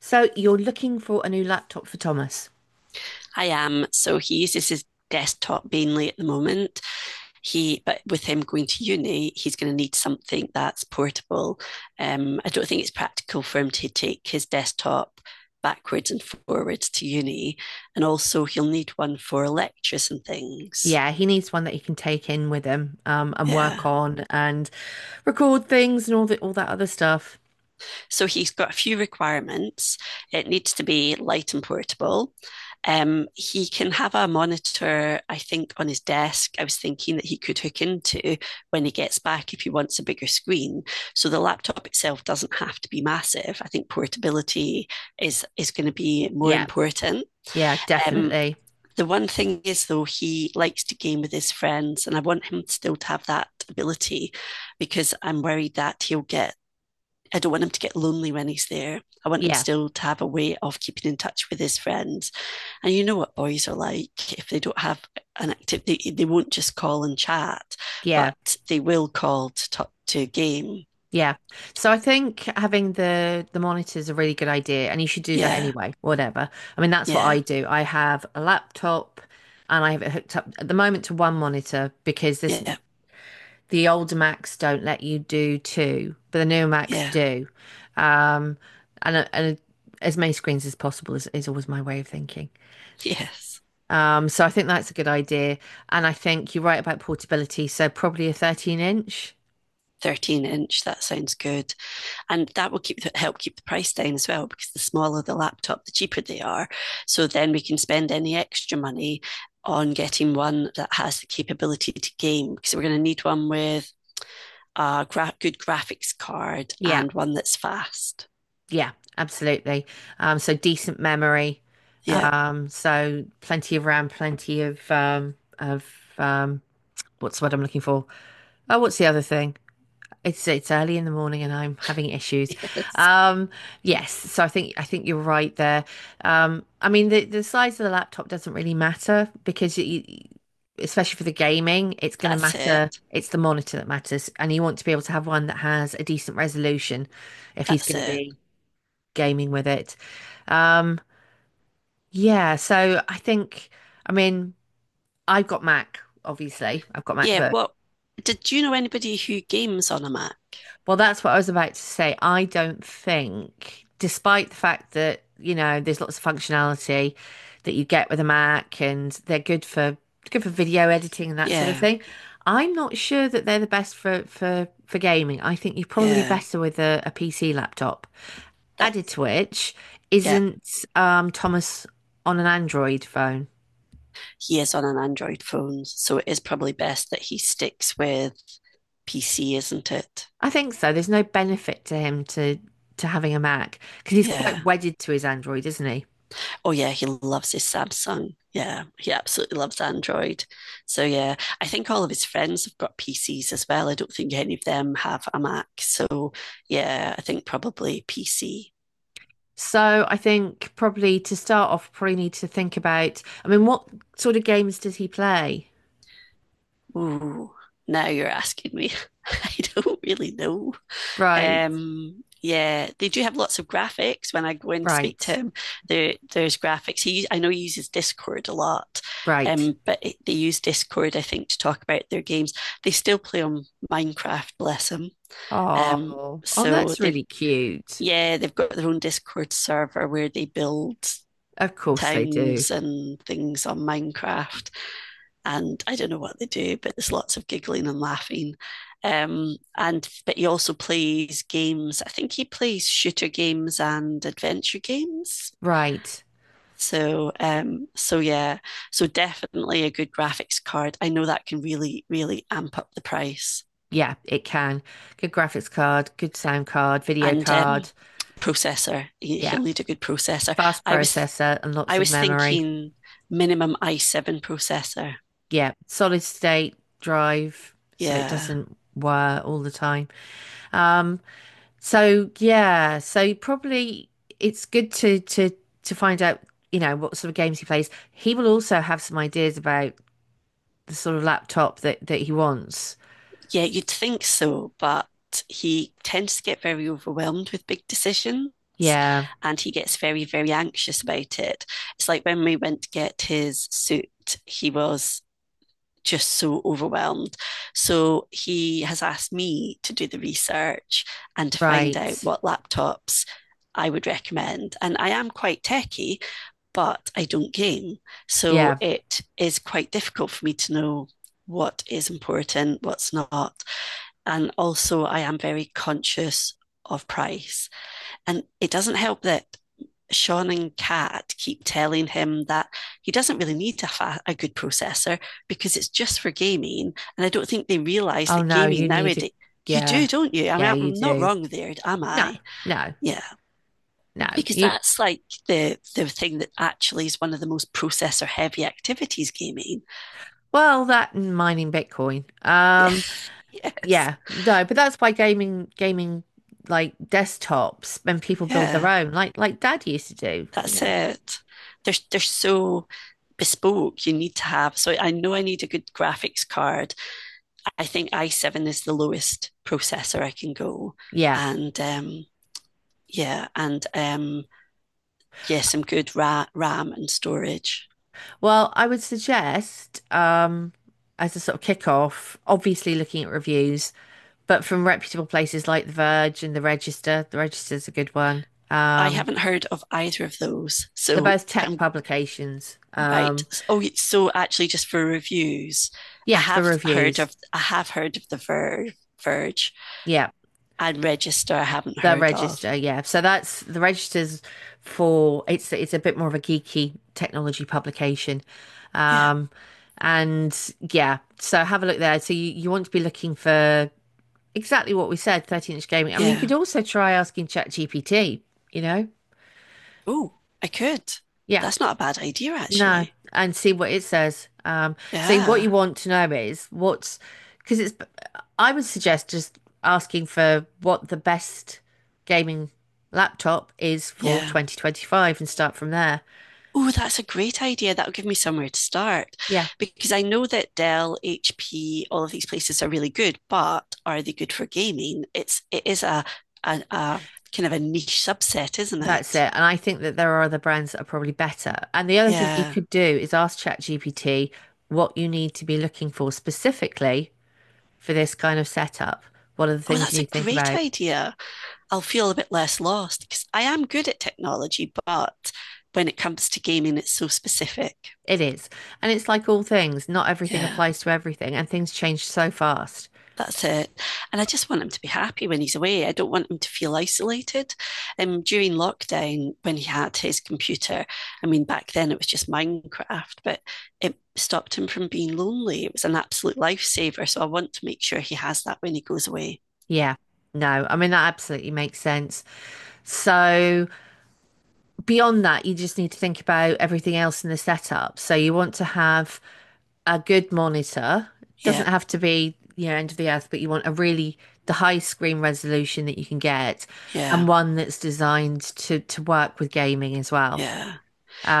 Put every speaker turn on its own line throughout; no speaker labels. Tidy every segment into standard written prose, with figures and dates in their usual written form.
So you're looking for a new laptop for Thomas.
I am. So he uses his desktop mainly at the moment. But with him going to uni, he's going to need something that's portable. I don't think it's practical for him to take his desktop backwards and forwards to uni, and also he'll need one for lectures and things.
Yeah, he needs one that he can take in with him and work
Yeah.
on and record things and all that other stuff.
So he's got a few requirements. It needs to be light and portable. He can have a monitor, I think, on his desk. I was thinking that he could hook into when he gets back if he wants a bigger screen. So the laptop itself doesn't have to be massive. I think portability is going to be more
Yeah,
important.
yeah,
Um,
definitely.
the one thing is though he likes to game with his friends and I want him still to have that ability because I'm worried that he'll get. I don't want him to get lonely when he's there. I want him
Yeah,
still to have a way of keeping in touch with his friends. And you know what boys are like. If they don't have an activity, they won't just call and chat,
yeah,
but they will call to talk to a game.
yeah. So I think having the monitor is a really good idea, and you should do that
Yeah,
anyway. Whatever. I mean, that's what I
yeah,
do. I have a laptop, and I have it hooked up at the moment to one monitor because this
yeah,
the older Macs don't let you do two, but the newer Macs
yeah,
do. Um, and as many screens as possible is always my way of thinking.
yes.
So I think that's a good idea. And I think you're right about portability. So probably a 13 inch.
13 inch, that sounds good. And that will keep the, help keep the price down as well because the smaller the laptop, the cheaper they are. So then we can spend any extra money on getting one that has the capability to game because we're going to need one with a good graphics card
Yeah,
and one that's fast.
yeah, absolutely. So decent memory.
Yeah,
So plenty of RAM, plenty of um, what's the word I'm looking for? Oh, what's the other thing? It's early in the morning and I'm having issues.
yes,
Um, yes, so I think you're right there. I mean the size of the laptop doesn't really matter because especially for the gaming, it's going to
that's
matter.
it.
It's the monitor that matters, and you want to be able to have one that has a decent resolution if he's
That's
going to
it.
be gaming with it. Um, yeah, so I think I mean I've got Mac, obviously. I've got
Yeah.
MacBook.
What did you know anybody who games on a Mac?
Well, that's what I was about to say. I don't think, despite the fact that, you know, there's lots of functionality that you get with a Mac, and they're good for video editing and that sort of
Yeah,
thing. I'm not sure that they're the best for gaming. I think you're probably
yeah.
better with a PC laptop.
That
Added to which,
yeah.
isn't Thomas on an Android phone?
He is on an Android phone, so it is probably best that he sticks with PC, isn't it?
I think so. There's no benefit to him to having a Mac because he's quite
Yeah.
wedded to his Android, isn't he?
Oh, yeah. He loves his Samsung. Yeah. He absolutely loves Android. So, yeah, I think all of his friends have got PCs as well. I don't think any of them have a Mac. So, yeah, I think probably PC.
So I think probably to start off, probably need to think about, I mean, what sort of games does he play?
Ooh, now you're asking me. I don't really know.
Right,
Yeah, they do have lots of graphics. When I go in to speak to
right,
him, there's graphics. I know he uses Discord a lot,
right.
but they use Discord, I think, to talk about their games. They still play on Minecraft, bless them. Um,
Oh, oh,
so
that's
they've
really cute.
yeah, they've got their own Discord server where they build
Of course they do.
towns and things on Minecraft and I don't know what they do, but there's lots of giggling and laughing. And but he also plays games. I think he plays shooter games and adventure games.
Right.
So yeah, so definitely a good graphics card. I know that can really really amp up the price
Yeah, it can. Good graphics card, good sound card, video
and
card.
processor.
Yeah,
He'll need a good processor.
fast
I was
processor and lots
I
of
was
memory.
thinking minimum i7 processor.
Yeah, solid state drive, so it
Yeah.
doesn't wear all the time. Um, So yeah, so probably it's good to find out, you know, what sort of games he plays. He will also have some ideas about the sort of laptop that he wants.
Yeah, you'd think so, but he tends to get very overwhelmed with big decisions
Yeah,
and he gets very, very anxious about it. It's like when we went to get his suit, he was just so overwhelmed. So he has asked me to do the research and to find out
right.
what laptops I would recommend. And I am quite techie, but I don't game. So
Yeah.
it is quite difficult for me to know what is important, what's not. And also, I am very conscious of price. And it doesn't help that Sean and Kat keep telling him that he doesn't really need a, a good processor because it's just for gaming. And I don't think they realize
Oh
that
no,
gaming
you need a,
nowadays, you do,
yeah.
don't you? I
Yeah,
mean,
you
I'm not
do.
wrong there, am
No,
I?
no,
Yeah,
no.
because
You
that's like the thing that actually is one of the most processor heavy activities, gaming.
well, that and mining Bitcoin.
Yeah, yes,
Yeah, no, but that's why gaming like desktops, when people build their
yeah.
own, like Dad used to do, you
That's
know.
it. They're so bespoke. You need to have. So I know I need a good graphics card. I think i7 is the lowest processor I can go,
Yeah.
and yeah, and yeah, some good RAM and storage.
Well, I would suggest, as a sort of kickoff, obviously looking at reviews, but from reputable places like The Verge and The Register. The Register's a good one.
I
Um,
haven't heard of either of those,
they're
so
both tech
I'm
publications.
right. Oh, so actually, just for reviews, I
Yeah, for
have heard
reviews.
of the Verge
Yeah,
and Register. I haven't
The
heard of.
Register. Yeah, so that's The Register's, for it's a bit more of a geeky technology publication.
Yeah,
Um, and yeah, so have a look there. So you want to be looking for exactly what we said, 13-inch gaming. I mean, you
yeah.
could also try asking ChatGPT, you know?
Oh, I could.
Yeah,
That's not a bad idea,
no,
actually.
and see what it says. So what
Yeah,
you want to know is what's, because it's, I would suggest just asking for what the best gaming laptop is for
yeah.
2025 and start from there.
Oh, that's a great idea. That'll give me somewhere to start
Yeah,
because I know that Dell, HP, all of these places are really good, but are they good for gaming? It's it is a a kind of a niche subset, isn't
that's
it?
it. And I think that there are other brands that are probably better. And the other thing that you
Yeah.
could do is ask ChatGPT what you need to be looking for specifically for this kind of setup, what are the
Oh,
things you
that's a
need to think
great
about?
idea. I'll feel a bit less lost because I am good at technology, but when it comes to gaming, it's so specific.
It is. And it's like all things, not everything
Yeah.
applies to everything, and things change so fast.
That's it. And I just want him to be happy when he's away. I don't want him to feel isolated. During lockdown, when he had his computer, I mean, back then it was just Minecraft, but it stopped him from being lonely. It was an absolute lifesaver. So I want to make sure he has that when he goes away.
Yeah. No, I mean, that absolutely makes sense. So, beyond that, you just need to think about everything else in the setup. So, you want to have a good monitor. It
Yeah,
doesn't have to be, you know, end of the earth, but you want a really the high screen resolution that you can get and
yeah,
one that's designed to work with gaming as well.
yeah.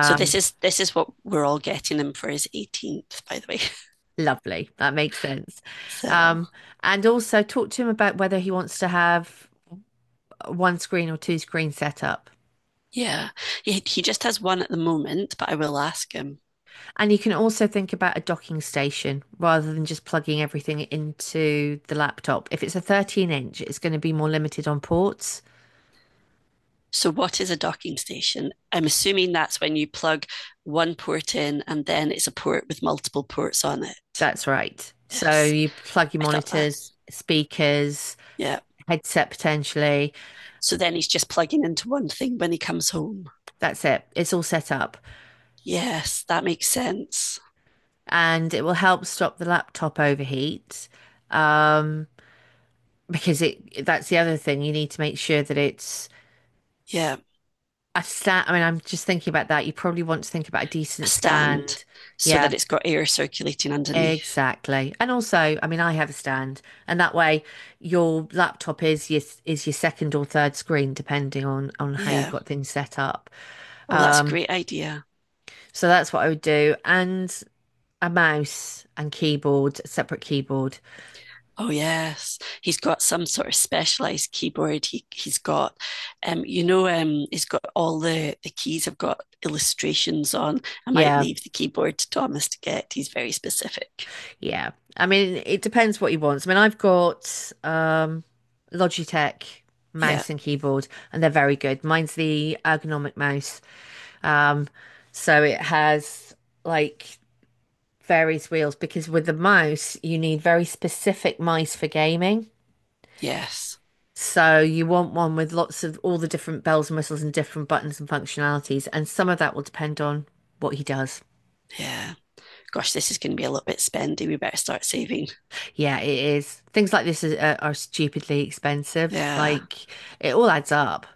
So this is what we're all getting him for his 18th, by the way.
Lovely. That makes sense.
So
Um, and also talk to him about whether he wants to have one screen or two screen setup.
yeah, he just has one at the moment, but I will ask him.
And you can also think about a docking station rather than just plugging everything into the laptop. If it's a 13-inch, it's going to be more limited on ports.
So, what is a docking station? I'm assuming that's when you plug one port in and then it's a port with multiple ports on it.
That's right. So
Yes,
you plug your
I thought that.
monitors, speakers,
Yeah.
headset potentially.
So then he's just plugging into one thing when he comes home.
That's it. It's all set up.
Yes, that makes sense.
And it will help stop the laptop overheat. Um, because it that's the other thing. You need to make sure that it's
Yeah.
a stand. I mean, I'm just thinking about that. You probably want to think about a
A
decent
stand
stand.
so
Yeah,
that it's got air circulating underneath.
exactly. And also, I mean, I have a stand, and that way your laptop is your second or third screen, depending on how you've
Yeah.
got things set up.
Oh, that's a
Um,
great idea.
so that's what I would do, and a mouse and keyboard, separate keyboard.
Oh yes, he's got some sort of specialized keyboard. You know, he's got all the keys have got illustrations on. I might
Yeah.
leave the keyboard to Thomas to get. He's very specific.
Yeah. I mean, it depends what he wants. I mean, I've got Logitech
Yeah.
mouse and keyboard, and they're very good. Mine's the ergonomic mouse. Um, so it has like various wheels because with the mouse, you need very specific mice for gaming.
Yes.
So you want one with lots of all the different bells and whistles and different buttons and functionalities, and some of that will depend on what he does.
Yeah. Gosh, this is going to be a little bit spendy. We better start saving.
Yeah, it is. Things like this are stupidly expensive.
Yeah.
Like it all adds up.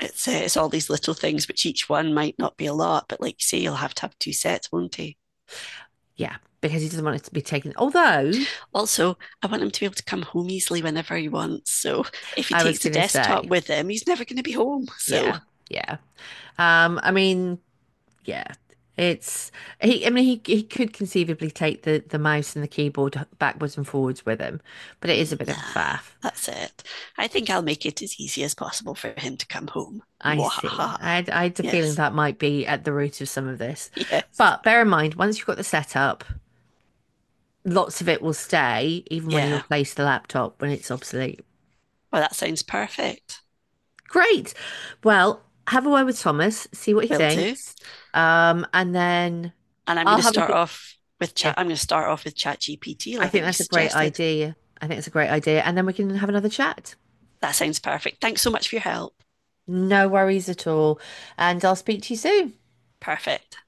It's all these little things, which each one might not be a lot, but like you say, you'll have to have two sets, won't you?
Yeah, because he doesn't want it to be taken. Although
Also, I want him to be able to come home easily whenever he wants. So if he
I was
takes the
gonna
desktop
say,
with him, he's never going to be home. So,
yeah, yeah. I mean, yeah, it's he. I mean, he could conceivably take the mouse and the keyboard backwards and forwards with him, but it is a bit
nah,
of a faff.
that's it. I think I'll make it as easy as possible for him to come home.
I see.
Wahaha.
I had a feeling
Yes,
that might be at the root of some of this.
yes,
But bear in mind, once you've got the setup, lots of it will stay, even when you
yeah.
replace the laptop when it's obsolete.
Well, that sounds perfect.
Great. Well, have a word with Thomas, see what he
Will do.
thinks. And then
And
I'll have a yeah.
I'm going to start off with ChatGPT,
I think
like you
that's a great
suggested.
idea. I think it's a great idea. And then we can have another chat.
That sounds perfect. Thanks so much for your help.
No worries at all. And I'll speak to you soon.
Perfect.